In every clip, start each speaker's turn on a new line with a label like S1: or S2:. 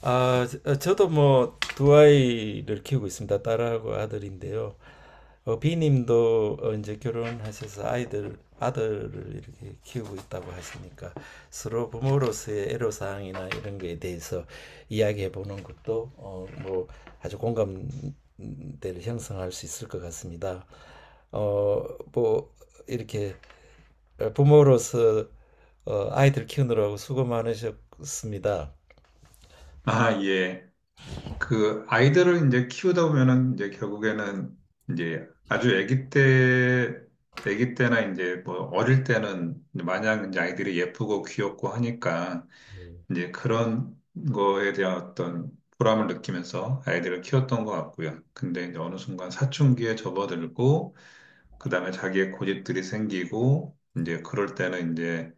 S1: 아, 저도 뭐 두 아이를 키우고 있습니다. 딸하고 아들인데요. B님도 이제 결혼하셔서 아들을 이렇게 키우고 있다고 하시니까 서로 부모로서의 애로사항이나 이런 거에 대해서 이야기해 보는 것도 뭐 아주 공감대를 형성할 수 있을 것 같습니다. 어, 뭐 이렇게 부모로서 아이들 키우느라고 수고 많으셨습니다.
S2: 아, 예. 그 아이들을 이제 키우다 보면은 이제 결국에는 이제 아주 아기 때나 이제 뭐 어릴 때는 이제 마냥 이제 아이들이 예쁘고 귀엽고 하니까 이제 그런 거에 대한 어떤 보람을 느끼면서 아이들을 키웠던 것 같고요. 근데 이제 어느 순간 사춘기에 접어들고 그다음에 자기의 고집들이 생기고 이제 그럴 때는 이제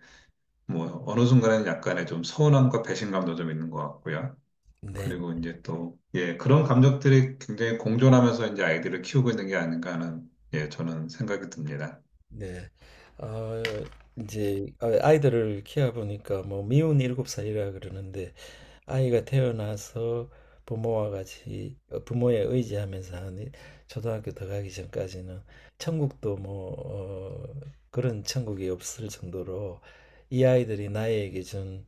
S2: 뭐 어느 순간에는 약간의 좀 서운함과 배신감도 좀 있는 것 같고요.
S1: 네.
S2: 그리고 이제 또, 예, 그런 감정들이 굉장히 공존하면서 이제 아이들을 키우고 있는 게 아닌가 하는, 예, 저는 생각이 듭니다.
S1: 네. 어, 이제 아이들을 키워보니까 뭐 미운 일곱 살이라 그러는데 아이가 태어나서 부모와 같이 부모에 의지하면서 한 초등학교 들어가기 전까지는 천국도 뭐 그런 천국이 없을 정도로 이 아이들이 나에게 준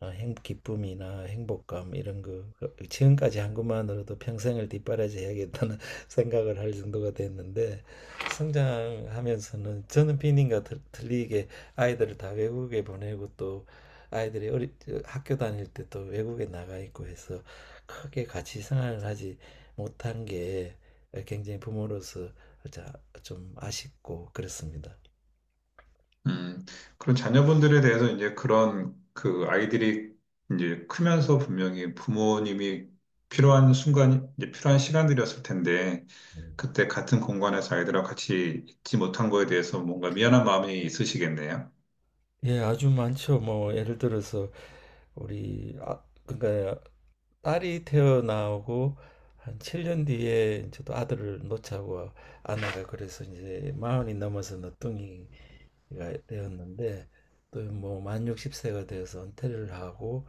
S1: 기쁨이나 행복감 이런 거 지금까지 한 것만으로도 평생을 뒷바라지해야겠다는 생각을 할 정도가 됐는데 성장하면서는 저는 비님과 리게 아이들을 다 외국에 보내고 또 아이들이 학교 다닐 때 또 외국에 나가 있고 해서 크게 같이 생활을 하지 못한 게 굉장히 부모로서 자- 좀 아쉽고 그렇습니다.
S2: 음, 그런 자녀분들에 대해서 이제 그런 그 아이들이 이제 크면서 분명히 부모님이 필요한 순간, 이제 필요한 시간들이었을 텐데, 그때 같은 공간에서 아이들하고 같이 있지 못한 거에 대해서 뭔가 미안한 마음이 있으시겠네요.
S1: 예, 아주 많죠. 뭐 예를 들어서 우리 그러니까 딸이 태어나고 한 7년 뒤에 저도 아들을 놓자고 아내가 그래서 이제 마흔이 넘어서 늦둥이가 되었는데 또 뭐 만 60세가 되어서 은퇴를 하고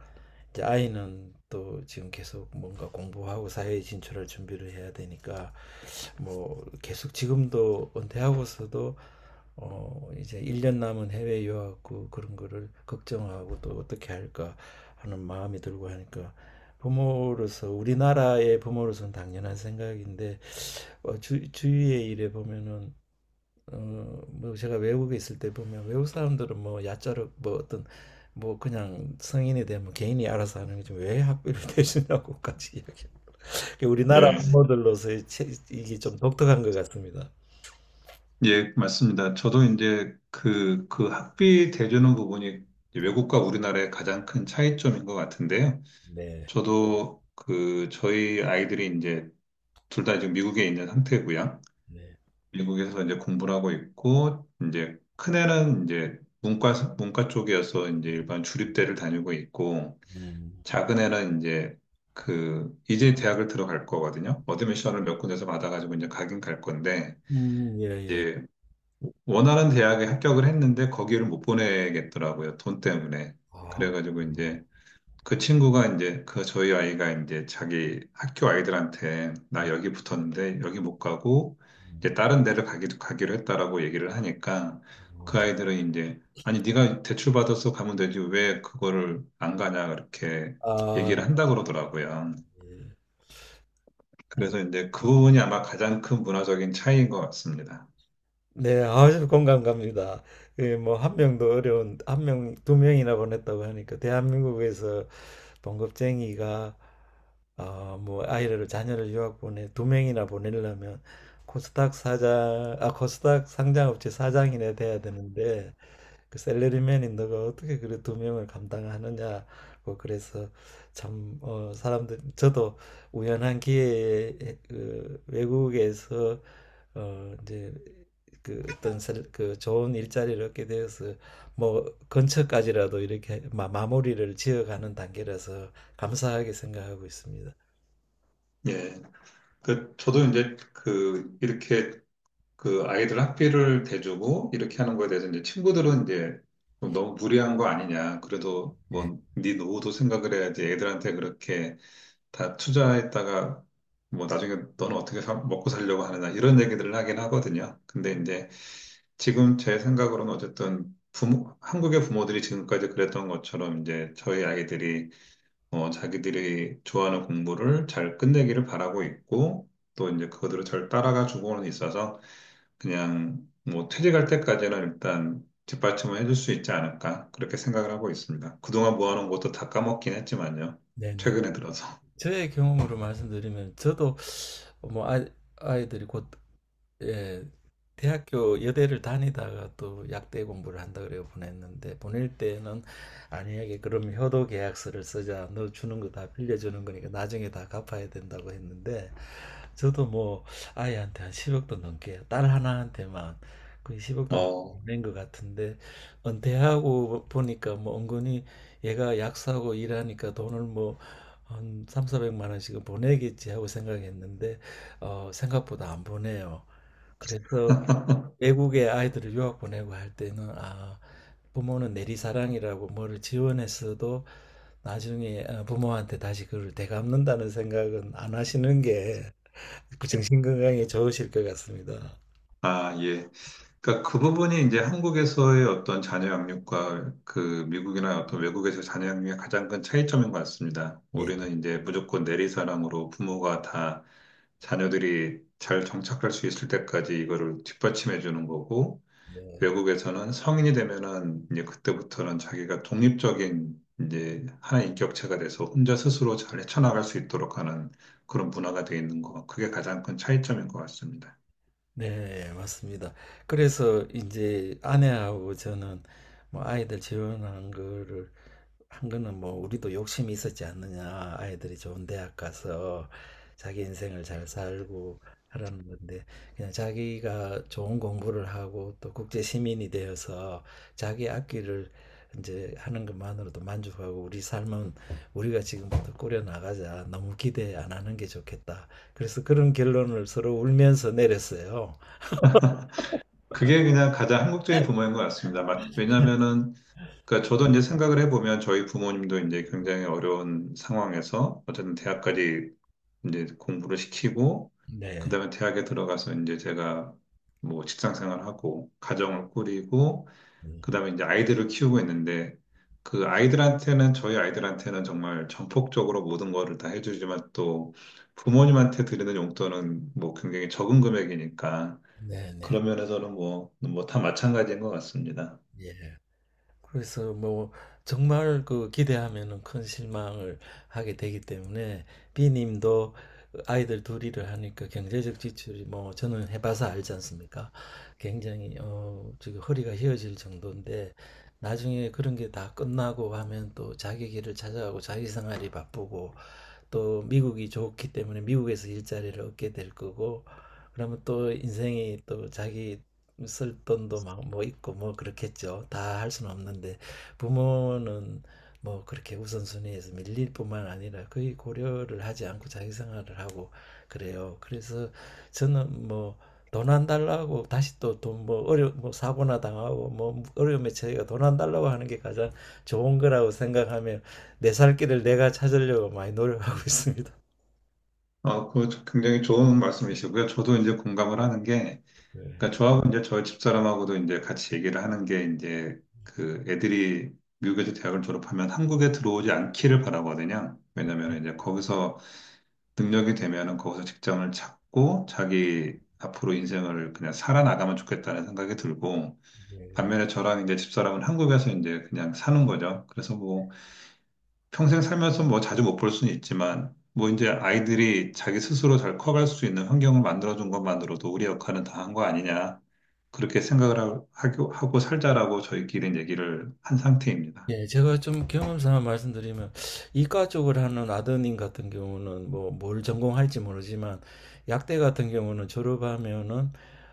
S1: 이제 아이는 또 지금 계속 뭔가 공부하고 사회에 진출할 준비를 해야 되니까 뭐 계속 지금도 은퇴하고서도 이제 1년 남은 해외 유학 구 그런 거를 걱정하고 또 어떻게 할까 하는 마음이 들고 하니까 부모로서 우리나라의 부모로서는 당연한 생각인데 주위의 일에 보면은 뭐 제가 외국에 있을 때 보면 외국 사람들은 뭐 야자로 뭐 어떤 뭐 그냥 성인이 되면 개인이 알아서 하는 게좀왜 학비를 대주냐고까지 이야기 그 우리나라
S2: 네,
S1: 한모들로서의 이게 좀 독특한 것 같습니다.
S2: 예, 맞습니다. 저도 이제 그, 학비 대주는 부분이 이제 외국과 우리나라의 가장 큰 차이점인 것 같은데요.
S1: 네,
S2: 저도 그, 저희 아이들이 이제 둘 다 지금 미국에 있는 상태고요.
S1: 네,
S2: 미국에서 이제 공부를 하고 있고, 이제 큰애는 이제 문과 쪽이어서 이제 일반 주립대를 다니고 있고,
S1: 음,
S2: 작은애는 이제 그, 이제 대학을 들어갈 거거든요. 어드미션을 몇 군데서 받아가지고 이제 가긴 갈 건데,
S1: 예, 예.
S2: 이제 원하는 대학에 합격을 했는데 거기를 못 보내겠더라고요. 돈 때문에.
S1: 아,
S2: 그래가지고 이제 그 친구가 이제 그 저희 아이가 이제 자기 학교 아이들한테 나 여기 붙었는데 여기 못 가고
S1: 음,
S2: 이제 다른 데를 가기도 가기로 했다라고 얘기를 하니까
S1: 어.
S2: 그 아이들은 이제 아니 네가 대출 받아서 가면 되지 왜 그거를 안 가냐 그렇게 얘기를
S1: 아,
S2: 한다 그러더라고요.
S1: 예. 아,
S2: 그래서 이제 그 부분이 아마 가장 큰 문화적인 차이인 것 같습니다.
S1: 네, 아주 공감 갑니다. 뭐 한 명도 어려운 한 명, 두 명이나 보냈다고 하니까 대한민국에서 봉급쟁이가 뭐 아이를 자녀를 유학 보내 두 명이나 보내려면 코스닥 상장업체 사장이나 돼야 되는데 그 셀러리맨이 너가 어떻게 그래 두 명을 감당하느냐고 그래서 참 사람들 저도 우연한 기회에 그 외국에서 이제 그 어떤 그 좋은 일자리를 얻게 되어서 뭐 근처까지라도 이렇게 마무리를 지어가는 단계라서 감사하게 생각하고 있습니다.
S2: 예. 그, 저도 이제 그, 이렇게 그 아이들 학비를 대주고 이렇게 하는 거에 대해서 이제 친구들은 이제 좀 너무 무리한 거 아니냐. 그래도
S1: 네.
S2: 뭐, 네 노후도 생각을 해야지 애들한테 그렇게 다 투자했다가 뭐 나중에 너는 어떻게 먹고 살려고 하느냐. 이런 얘기들을 하긴 하거든요. 근데 이제 지금 제 생각으로는 어쨌든 부모, 한국의 부모들이 지금까지 그랬던 것처럼 이제 저희 아이들이 어, 자기들이 좋아하는 공부를 잘 끝내기를 바라고 있고, 또 이제 그거대로 잘 따라가 주고는 있어서, 그냥 뭐 퇴직할 때까지는 일단 뒷받침을 해줄 수 있지 않을까, 그렇게 생각을 하고 있습니다. 그동안 모아놓은 것도 다 까먹긴 했지만요.
S1: 네네.
S2: 최근에 들어서.
S1: 저의 경험으로 말씀드리면 저도 뭐 아이들이 곧 예, 대학교 여대를 다니다가 또 약대 공부를 한다 그래 보냈는데 보낼 때는 아니에게 그럼 효도 계약서를 쓰자, 너 주는 거 다 빌려주는 거니까 나중에 다 갚아야 된다고 했는데 저도 뭐 아이한테 한 10억도 넘게 딸 하나한테만
S2: 어,
S1: 낸 것 같은데 은퇴하고 보니까 뭐 은근히 얘가 약사고 일하니까 돈을 뭐 한 3, 400만 원씩은 보내겠지 하고 생각했는데 생각보다 안 보내요. 그래서 외국에 아이들을 유학 보내고 할 때는 부모는 내리사랑이라고 뭐를 지원했어도 나중에 부모한테 다시 그걸 되갚는다는 생각은 안 하시는 게 정신 건강에 좋으실 것 같습니다.
S2: 아, 예. 그러니까 그 부분이 이제 한국에서의 어떤 자녀 양육과 그 미국이나 어떤 외국에서 자녀 양육의 가장 큰 차이점인 것 같습니다.
S1: 예.
S2: 우리는 이제 무조건 내리사랑으로 부모가 다 자녀들이 잘 정착할 수 있을 때까지 이거를 뒷받침해 주는 거고
S1: 네.
S2: 외국에서는 성인이 되면은 이제 그때부터는 자기가 독립적인 이제 하나의 인격체가 돼서 혼자 스스로 잘 헤쳐나갈 수 있도록 하는 그런 문화가 돼 있는 거. 그게 가장 큰 차이점인 것 같습니다.
S1: 네, 맞습니다. 그래서 이제 아내하고 저는 뭐 아이들 재혼한 거를 한 거는 뭐 우리도 욕심이 있었지 않느냐. 아이들이 좋은 대학 가서 자기 인생을 잘 살고 하라는 건데 그냥 자기가 좋은 공부를 하고 또 국제 시민이 되어서 자기 앞길을 이제 하는 것만으로도 만족하고 '우리 삶은 우리가 지금부터 꾸려 나가자. 너무 기대 안 하는 게 좋겠다.' 그래서 그런 결론을 서로 울면서 내렸어요.
S2: 그게 그냥 가장 한국적인 부모인 것 같습니다. 왜냐면은, 그러니까 저도 이제 생각을 해보면 저희 부모님도 이제 굉장히 어려운 상황에서 어쨌든 대학까지 이제 공부를 시키고, 그
S1: 네.
S2: 다음에 대학에 들어가서 이제 제가 뭐 직장 생활하고, 가정을 꾸리고,
S1: 음.
S2: 그 다음에 이제 아이들을 키우고 있는데, 그 아이들한테는, 저희 아이들한테는 정말 전폭적으로 모든 거를 다 해주지만 또 부모님한테 드리는 용돈은 뭐 굉장히 적은 금액이니까,
S1: 네네.
S2: 그런 면에서는 뭐, 다 마찬가지인 것 같습니다.
S1: 예. 그래서 뭐 정말 그 기대하면은 큰 실망을 하게 되기 때문에 B님도 아이들 둘일를 하니까 경제적 지출이 뭐 저는 해봐서 알지 않습니까? 굉장히 지금 허리가 휘어질 정도인데 나중에 그런 게 다 끝나고 하면 또 자기 길을 찾아가고 자기 생활이 바쁘고 또 미국이 좋기 때문에 미국에서 일자리를 얻게 될 거고 그러면 또 인생이 또 자기 쓸 돈도 막 뭐 있고 뭐 그렇겠죠. 다 할 수는 없는데 부모는 뭐 그렇게 우선순위에서 밀릴 뿐만 아니라 거의 고려를 하지 않고 자기 생활을 하고 그래요. 그래서 저는 뭐 돈 안 달라고 다시 또 돈 뭐 어려 뭐 사고나 당하고 뭐 어려움에 처해가 돈 안 달라고 하는 게 가장 좋은 거라고 생각하며 내 살 길을 내가 찾으려고 많이 노력하고 있습니다.
S2: 아, 그 굉장히 좋은 말씀이시고요. 저도 이제 공감을 하는 게,
S1: 네.
S2: 그러니까 저하고 이제 저희 집사람하고도 이제 같이 얘기를 하는 게 이제 그 애들이 미국에서 대학을 졸업하면 한국에 들어오지 않기를 바라거든요. 왜냐면 이제 거기서 능력이 되면은 거기서 직장을 찾고 자기 앞으로 인생을 그냥 살아나가면 좋겠다는 생각이 들고,
S1: 네.
S2: 반면에 저랑 이제 집사람은 한국에서 이제 그냥 사는 거죠. 그래서 뭐 평생 살면서 뭐 자주 못 볼 수는 있지만, 뭐 이제 아이들이 자기 스스로 잘 커갈 수 있는 환경을 만들어준 것만으로도 우리 역할은 다 한 거 아니냐. 그렇게 생각을 하고, 살자라고 저희끼리 얘기를 한 상태입니다.
S1: 예, 제가 좀 경험상 말씀드리면 이과 쪽을 하는 아드님 같은 경우는 뭐 뭘 전공할지 모르지만 약대 같은 경우는 졸업하면은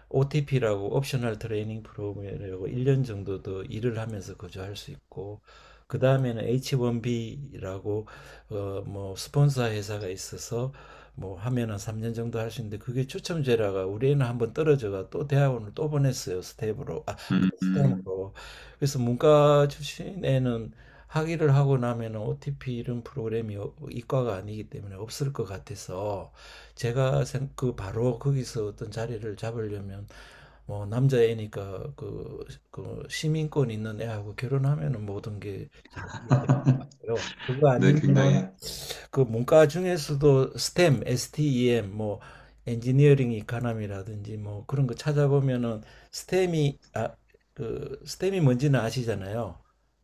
S1: OTP라고 옵셔널 트레이닝 프로그램이라고 1년 정도 더 일을 하면서 거주할 수 있고 그 다음에는 H1B라고 뭐 스폰서 회사가 있어서 뭐 하면은 3년 정도 할 수 있는데 그게 추첨제라가 우리 애는 한번 떨어져가 또 대학원을 또 보냈어요. 스텝으로, 그
S2: 음, 음.
S1: 스텝으로. 그래서 문과 출신에는 학위를 하고 나면 OTP 이런 프로그램이 이과가 아니기 때문에 없을 것 같아서 제가 그 바로 거기서 어떤 자리를 잡으려면 뭐 남자애니까 그 시민권 있는 애하고 결혼하면은 모든 게잘 어려워. 그거
S2: 네, 굉장히.
S1: 아니면은
S2: 예,
S1: 그 문과 중에서도 STEM 뭐 엔지니어링 이카남이라든지 뭐 그런 거 찾아보면은 스템이 아, 그 스템이 뭔지는 아시잖아요.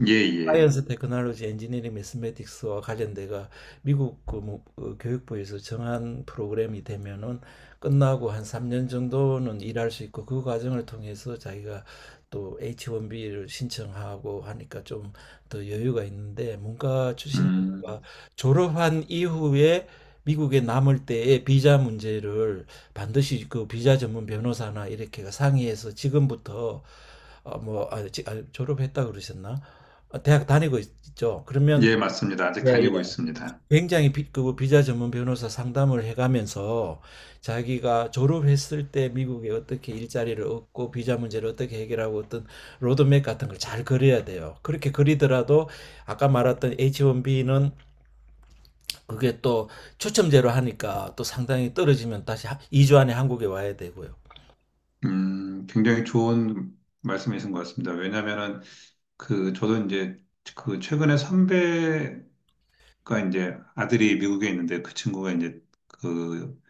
S2: 예.
S1: 사이언스 테크놀로지 엔지니어링 매스매틱스와 관련돼가 미국 그 뭐, 교육부에서 정한 프로그램이 되면은 끝나고 한 3년 정도는 일할 수 있고 그 과정을 통해서 자기가 또 H1B를 신청하고 하니까 좀 더 여유가 있는데 문과
S2: 음,
S1: 출신이니까 졸업한 이후에 미국에 남을 때의 비자 문제를 반드시 그 비자 전문 변호사나 이렇게가 상의해서 지금부터 뭐 졸업했다 그러셨나? 대학 다니고 있죠. 그러면
S2: 예, 맞습니다. 아직
S1: 예, 예.
S2: 다니고 있습니다.
S1: 굉장히 그 뭐 비자 전문 변호사 상담을 해가면서 자기가 졸업했을 때 미국에 어떻게 일자리를 얻고 비자 문제를 어떻게 해결하고 어떤 로드맵 같은 걸 잘 그려야 돼요. 그렇게 그리더라도 아까 말했던 H1B는 그게 또 추첨제로 하니까 또 상당히 떨어지면 다시 2주 안에 한국에 와야 되고요.
S2: 굉장히 좋은 말씀이신 것 같습니다. 왜냐면은 그, 저도 이제 그 최근에 선배가 이제 아들이 미국에 있는데 그 친구가 이제 그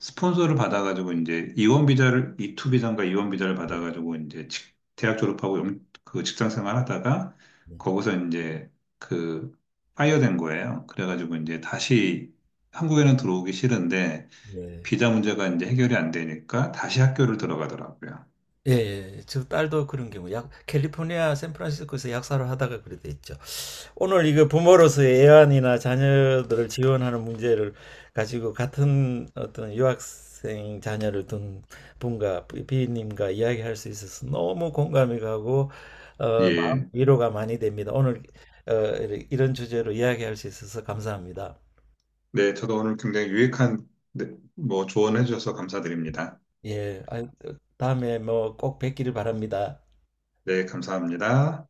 S2: 스폰서를 받아가지고 이제 이원 비자를 이투 비자인가 이원 비자를
S1: 네.
S2: 받아가지고 이제 대학 졸업하고 그 직장 생활하다가 거기서 이제 그 파이어된 거예요. 그래가지고 이제 다시 한국에는 들어오기 싫은데
S1: 네.
S2: 비자 문제가 이제 해결이 안 되니까 다시 학교를 들어가더라고요.
S1: 예, 예. 저 딸도 그런 경우, 캘리포니아 샌프란시스코에서 약사를 하다가 그래 됐죠. 오늘 이거 부모로서의 애완이나 자녀들을 지원하는 문제를 가지고 같은 어떤 유학생 자녀를 둔 분과 비님과 이야기할 수 있어서 너무 공감이 가고, 어, 마음
S2: 예.
S1: 위로가 많이 됩니다. 오늘, 어, 이런 주제로 이야기할 수 있어서 감사합니다.
S2: 네, 저도 오늘 굉장히 유익한 네, 뭐 조언해 주셔서 감사드립니다.
S1: 예, 아, 다음에 뭐 꼭 뵙기를 바랍니다.
S2: 네, 감사합니다.